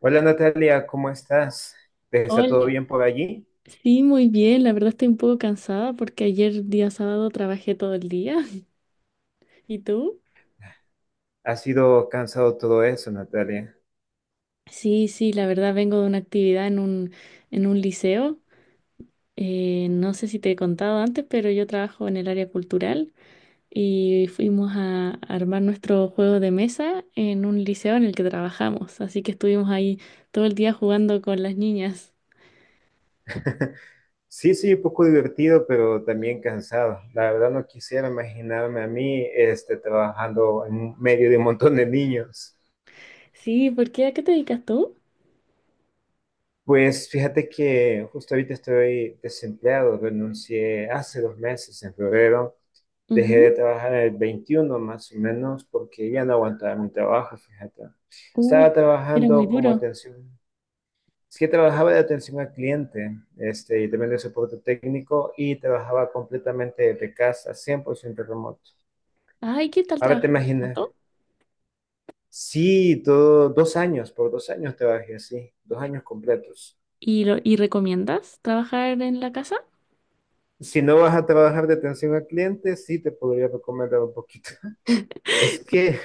Hola, Natalia, ¿cómo estás? ¿Te está todo Hola. bien por allí? Sí, muy bien. La verdad estoy un poco cansada porque ayer día sábado trabajé todo el día. ¿Y tú? ¿Ha sido cansado todo eso, Natalia? Sí, sí, la verdad vengo de una actividad en un liceo. No sé si te he contado antes, pero yo trabajo en el área cultural y fuimos a armar nuestro juego de mesa en un liceo en el que trabajamos. Así que estuvimos ahí todo el día jugando con las niñas. Sí, sí, un poco divertido, pero también cansado. La verdad no quisiera imaginarme a mí trabajando en medio de un montón de niños. Sí, ¿por qué? ¿A qué te dedicas tú? Pues fíjate que justo ahorita estoy desempleado, renuncié hace dos meses, en febrero. Dejé de Ujú. trabajar el 21 más o menos porque ya no aguantaba mi trabajo, fíjate. Uh, Estaba Era muy trabajando como duro. atención. Sí, trabajaba de atención al cliente, y también de soporte técnico, y trabajaba completamente de casa, 100% remoto. Ay, ¿qué tal Ahora te trabajar imaginas, remoto? sí, todo, 2 años, por 2 años trabajé así, 2 años completos. ¿Y, y recomiendas trabajar en la casa? Si no vas a trabajar de atención al cliente, sí te podría recomendar un poquito. Es que,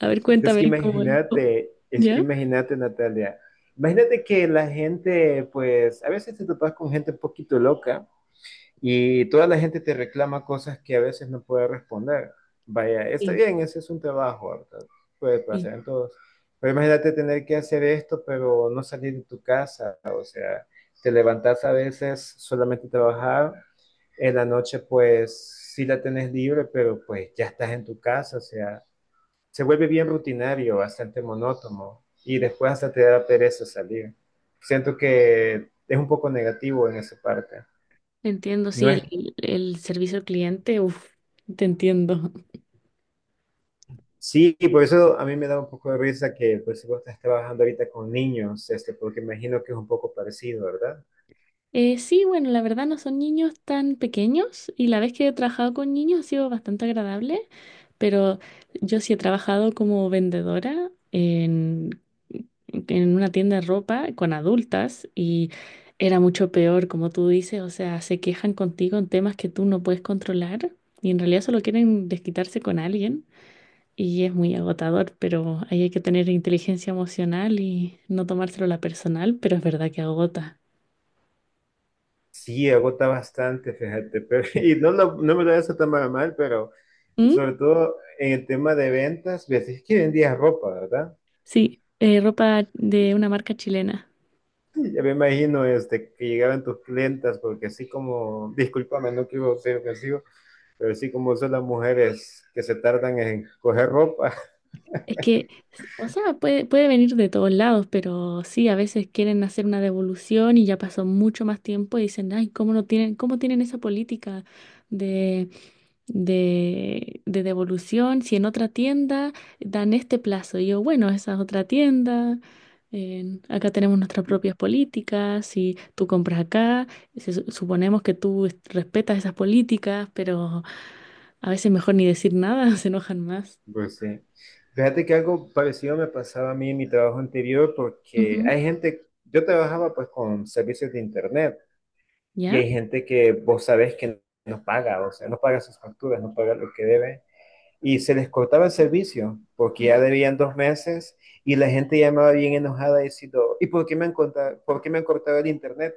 A ver, cuéntame cómo. cómo- es que ¿Ya? imagínate, Natalia, imagínate que la gente, pues, a veces te topas con gente un poquito loca. Y toda la gente te reclama cosas que a veces no puedes responder. Vaya, está Sí, bien, ese es un trabajo, ¿verdad? Puede sí. pasar en todos. Pero imagínate tener que hacer esto, pero no salir de tu casa. O sea, te levantas a veces solamente a trabajar. En la noche, pues sí la tenés libre, pero pues ya estás en tu casa. O sea, se vuelve bien rutinario, bastante monótono. Y después hasta te da pereza salir. Siento que es un poco negativo en esa parte. Entiendo, sí, No es. El servicio al cliente, uff, te entiendo. Sí, y por eso a mí me da un poco de risa que pues si vos estás trabajando ahorita con niños, porque imagino que es un poco parecido, ¿verdad? Sí, bueno, la verdad no son niños tan pequeños y la vez que he trabajado con niños ha sido bastante agradable, pero yo sí he trabajado como vendedora en una tienda de ropa con adultas y era mucho peor, como tú dices, o sea, se quejan contigo en temas que tú no puedes controlar y en realidad solo quieren desquitarse con alguien y es muy agotador, pero ahí hay que tener inteligencia emocional y no tomárselo a la personal, pero es verdad que agota. Sí, agota bastante, fíjate, pero no me lo eso tan mal, pero ¿Mm? sobre todo en el tema de ventas, ves es que vendías ropa, ¿verdad? Sí, ropa de una marca chilena. Ya me imagino que llegaran tus clientas, porque así como, discúlpame, no quiero ser ofensivo, pero así como son las mujeres que se tardan en coger ropa. Es que, o sea, puede venir de todos lados, pero sí, a veces quieren hacer una devolución y ya pasó mucho más tiempo y dicen, ay, ¿cómo no tienen, cómo tienen esa política de, de devolución si en otra tienda dan este plazo? Y yo, bueno, esa es otra tienda, en- acá tenemos nuestras propias políticas, si tú compras acá, se su- suponemos que tú est- respetas esas políticas, pero a veces mejor ni decir nada, se enojan más. Pues sí. Fíjate que algo parecido me pasaba a mí en mi trabajo anterior porque Ujú. hay gente, yo trabajaba pues con servicios de internet, y ¿Ya? hay gente que vos sabés que no paga, o sea, no paga sus facturas, no paga lo que debe, y se les cortaba el servicio porque ya debían 2 meses, y la gente llamaba bien enojada diciendo, ¿y por qué me han cortado, por qué me han cortado el internet?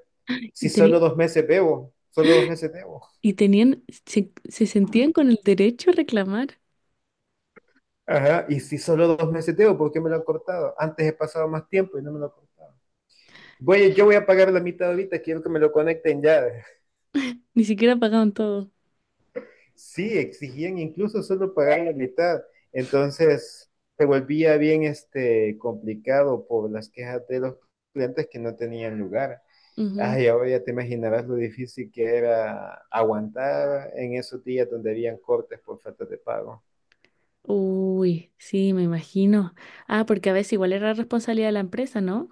Si Y, solo teni- 2 meses debo, solo 2 meses debo. y tenían, se sentían con el derecho a reclamar. Ajá, y si solo 2 meses debo, ¿por qué me lo han cortado? Antes he pasado más tiempo y no me lo han cortado. Güey, yo voy a pagar la mitad ahorita, quiero que me lo conecten ya. Ni siquiera pagaban todo. Sí, exigían incluso solo pagar la mitad. Entonces, se volvía bien complicado por las quejas de los clientes que no tenían lugar. Ujú. Ay, ahora ya te imaginarás lo difícil que era aguantar en esos días donde habían cortes por falta de pago. Uy, sí, me imagino. Ah, porque a veces igual era responsabilidad de la empresa, ¿no?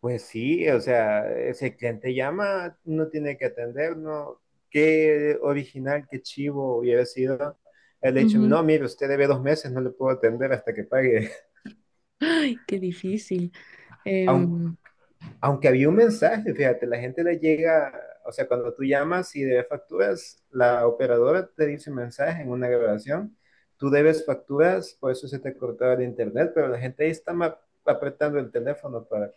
Pues sí, o sea, ese cliente llama, no tiene que atender, ¿no? Qué original, qué chivo hubiera sido. El hecho, Ujú. no, mire, usted debe 2 meses, no le puedo atender hasta que pague. Ay, qué difícil. Aun- Em, aunque había un mensaje, fíjate, la gente le llega, o sea, cuando tú llamas y debes facturas, la operadora te dice un mensaje en una grabación, tú debes facturas, por eso se te cortaba el internet, pero la gente ahí está apretando el teléfono para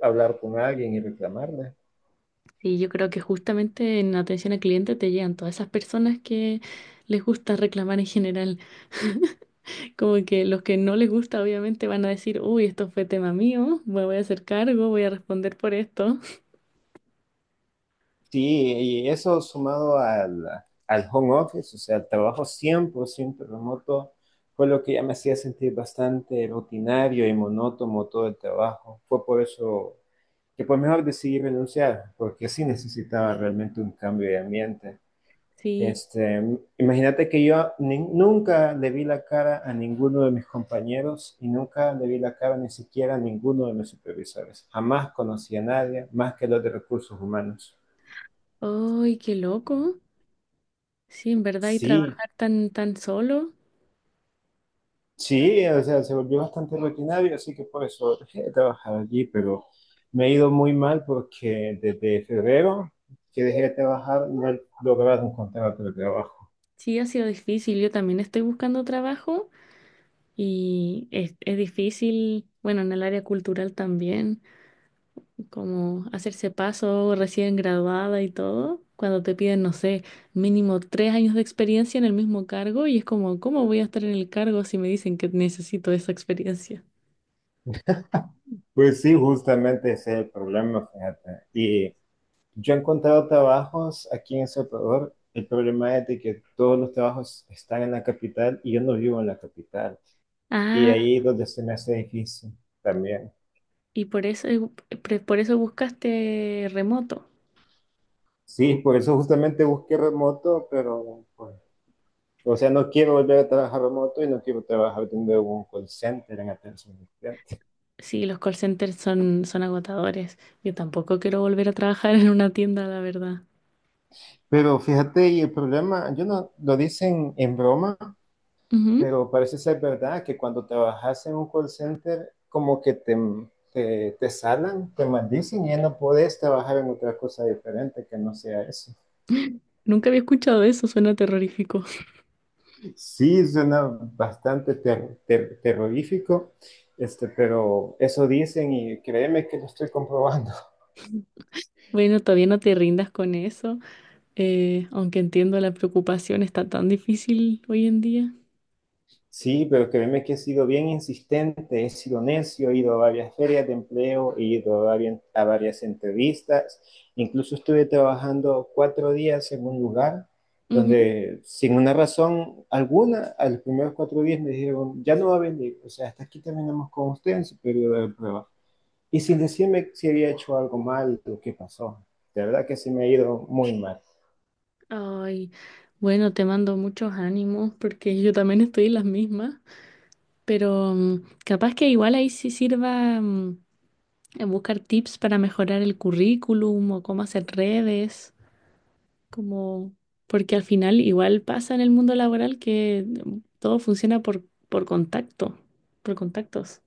hablar con alguien y reclamarle. sí, yo creo que justamente en atención al cliente te llegan todas esas personas que les gusta reclamar en general. Como que los que no les gusta, obviamente, van a decir, uy, esto fue tema mío, me voy a hacer cargo, voy a responder por esto. Sí, y eso sumado al home office, o sea, el trabajo 100% remoto, fue lo que ya me hacía sentir bastante rutinario y monótono todo el trabajo. Fue por eso que pues mejor decidí renunciar, porque sí necesitaba realmente un cambio de ambiente. Sí. Este, imagínate que yo nunca le vi la cara a ninguno de mis compañeros y nunca le vi la cara ni siquiera a ninguno de mis supervisores. Jamás conocí a nadie más que los de recursos humanos. ¡Ay, qué loco! Sí, en verdad, y Sí, trabajar tan solo, sí, o sea, se volvió bastante rutinario, así que por eso dejé de trabajar allí, pero me ha ido muy mal porque desde febrero que dejé de trabajar no he logrado encontrar otro trabajo. sí ha sido difícil. Yo también estoy buscando trabajo y es difícil, bueno, en el área cultural también, como hacerse paso recién graduada y todo, cuando te piden, no sé, mínimo 3 años de experiencia en el mismo cargo y es como, ¿cómo voy a estar en el cargo si me dicen que necesito esa experiencia? Pues sí, justamente ese es el problema, fíjate. Y yo he encontrado trabajos aquí en El Salvador. El problema es de que todos los trabajos están en la capital y yo no vivo en la capital. Y Ah, ahí es donde se me hace difícil también. y por eso, por eso buscaste remoto. Sí, por eso justamente busqué remoto, pero pues, o sea, no quiero volver a trabajar remoto y no quiero trabajar teniendo un call center en atención al cliente. Sí, los call centers son agotadores. Yo tampoco quiero volver a trabajar en una tienda, la verdad. Pero fíjate, y el problema, yo no lo dicen en broma, Ujú. pero parece ser verdad que cuando trabajas en un call center, como que te salan, te maldicen y ya no podés trabajar en otra cosa diferente que no sea eso. Nunca había escuchado eso, suena terrorífico. Sí, suena bastante terrorífico, pero eso dicen y créeme que lo estoy comprobando. Bueno, todavía no te rindas con eso, aunque entiendo la preocupación, está tan difícil hoy en día. Sí, pero créeme que he sido bien insistente, he sido necio, he ido a varias ferias de empleo, he ido a varias entrevistas, incluso estuve trabajando 4 días en un lugar Ujú. donde sin una razón alguna, a los primeros 4 días me dijeron, ya no va a venir, o sea, hasta aquí terminamos con usted en su periodo de prueba. Y sin decirme si había hecho algo mal o qué pasó. De verdad que sí me ha ido muy mal. Ay, bueno, te mando muchos ánimos porque yo también estoy en las mismas, pero capaz que igual ahí sí sirva, buscar tips para mejorar el currículum o cómo hacer redes, como porque al final igual pasa en el mundo laboral que, todo funciona por contacto, por contactos.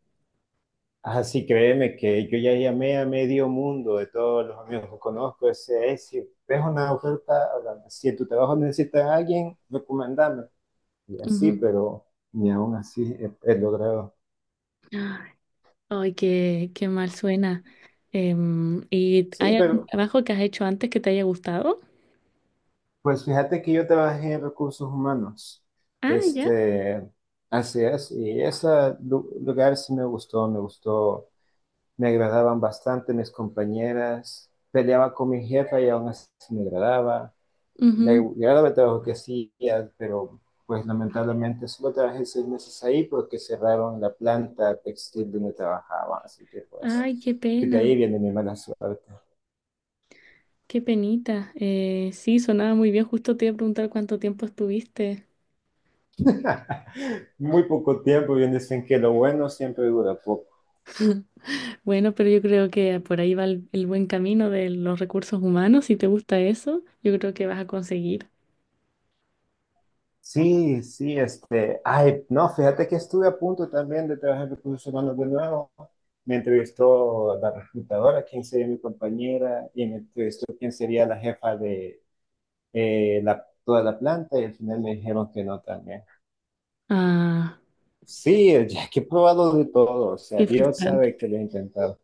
Así créeme que yo ya llamé a medio mundo de todos los amigos que conozco. Ese es, si ves una oferta, háblame. Si en tu trabajo necesitas a alguien, recomendame. Y así, Ujú. pero ni aún así he logrado. Ay, qué, qué mal suena. ¿Y Sí, hay algún pero trabajo que has hecho antes que te haya gustado? pues fíjate que yo trabajé en recursos humanos. Ah, ya. Este, así es. Y ese lugar sí me gustó, me gustó. Me agradaban bastante mis compañeras. Peleaba con mi jefa y aún así me agradaba. Me Ujú. agradaba el trabajo que hacía, pero pues lamentablemente solo trabajé 6 meses ahí porque cerraron la planta textil donde trabajaba, así que pues Ay, qué de ahí pena, viene mi mala suerte. qué penita. Sí, sonaba muy bien. Justo te iba a preguntar cuánto tiempo estuviste. Muy poco tiempo, bien dicen que lo bueno siempre dura poco. Bueno, pero yo creo que por ahí va el buen camino de los recursos humanos. Si te gusta eso, yo creo que vas a conseguir. Sí, sí, ay, no, fíjate que estuve a punto también de trabajar en recursos humanos de nuevo. Me entrevistó la reclutadora, quién sería mi compañera, y me entrevistó quién sería la jefa de, toda la planta y al final me dijeron que no también. Ah, Sí, ya que he probado de todo, o sea, qué Dios frustrante. sabe que lo he intentado.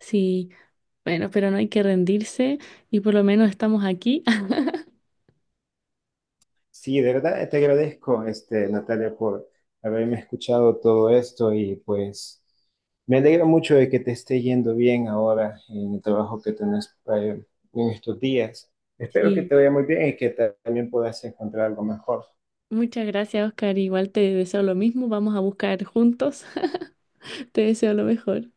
Sí, bueno, pero no hay que rendirse y por lo menos estamos aquí. Sí, de verdad te agradezco, Natalia, por haberme escuchado todo esto y pues me alegra mucho de que te esté yendo bien ahora en el trabajo que tenés en estos días. Espero que Sí, te vaya muy bien y que también puedas encontrar algo mejor. muchas gracias, Oscar. Igual te deseo lo mismo. Vamos a buscar juntos. Te deseo lo mejor.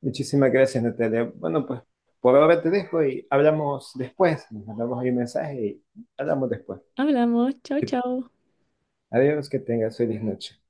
Muchísimas gracias, Natalia. Bueno, pues por ahora te dejo y hablamos después. Nos mandamos ahí un mensaje y hablamos después. Hablamos. Chao, Que- chao. Adiós, que tengas feliz noche.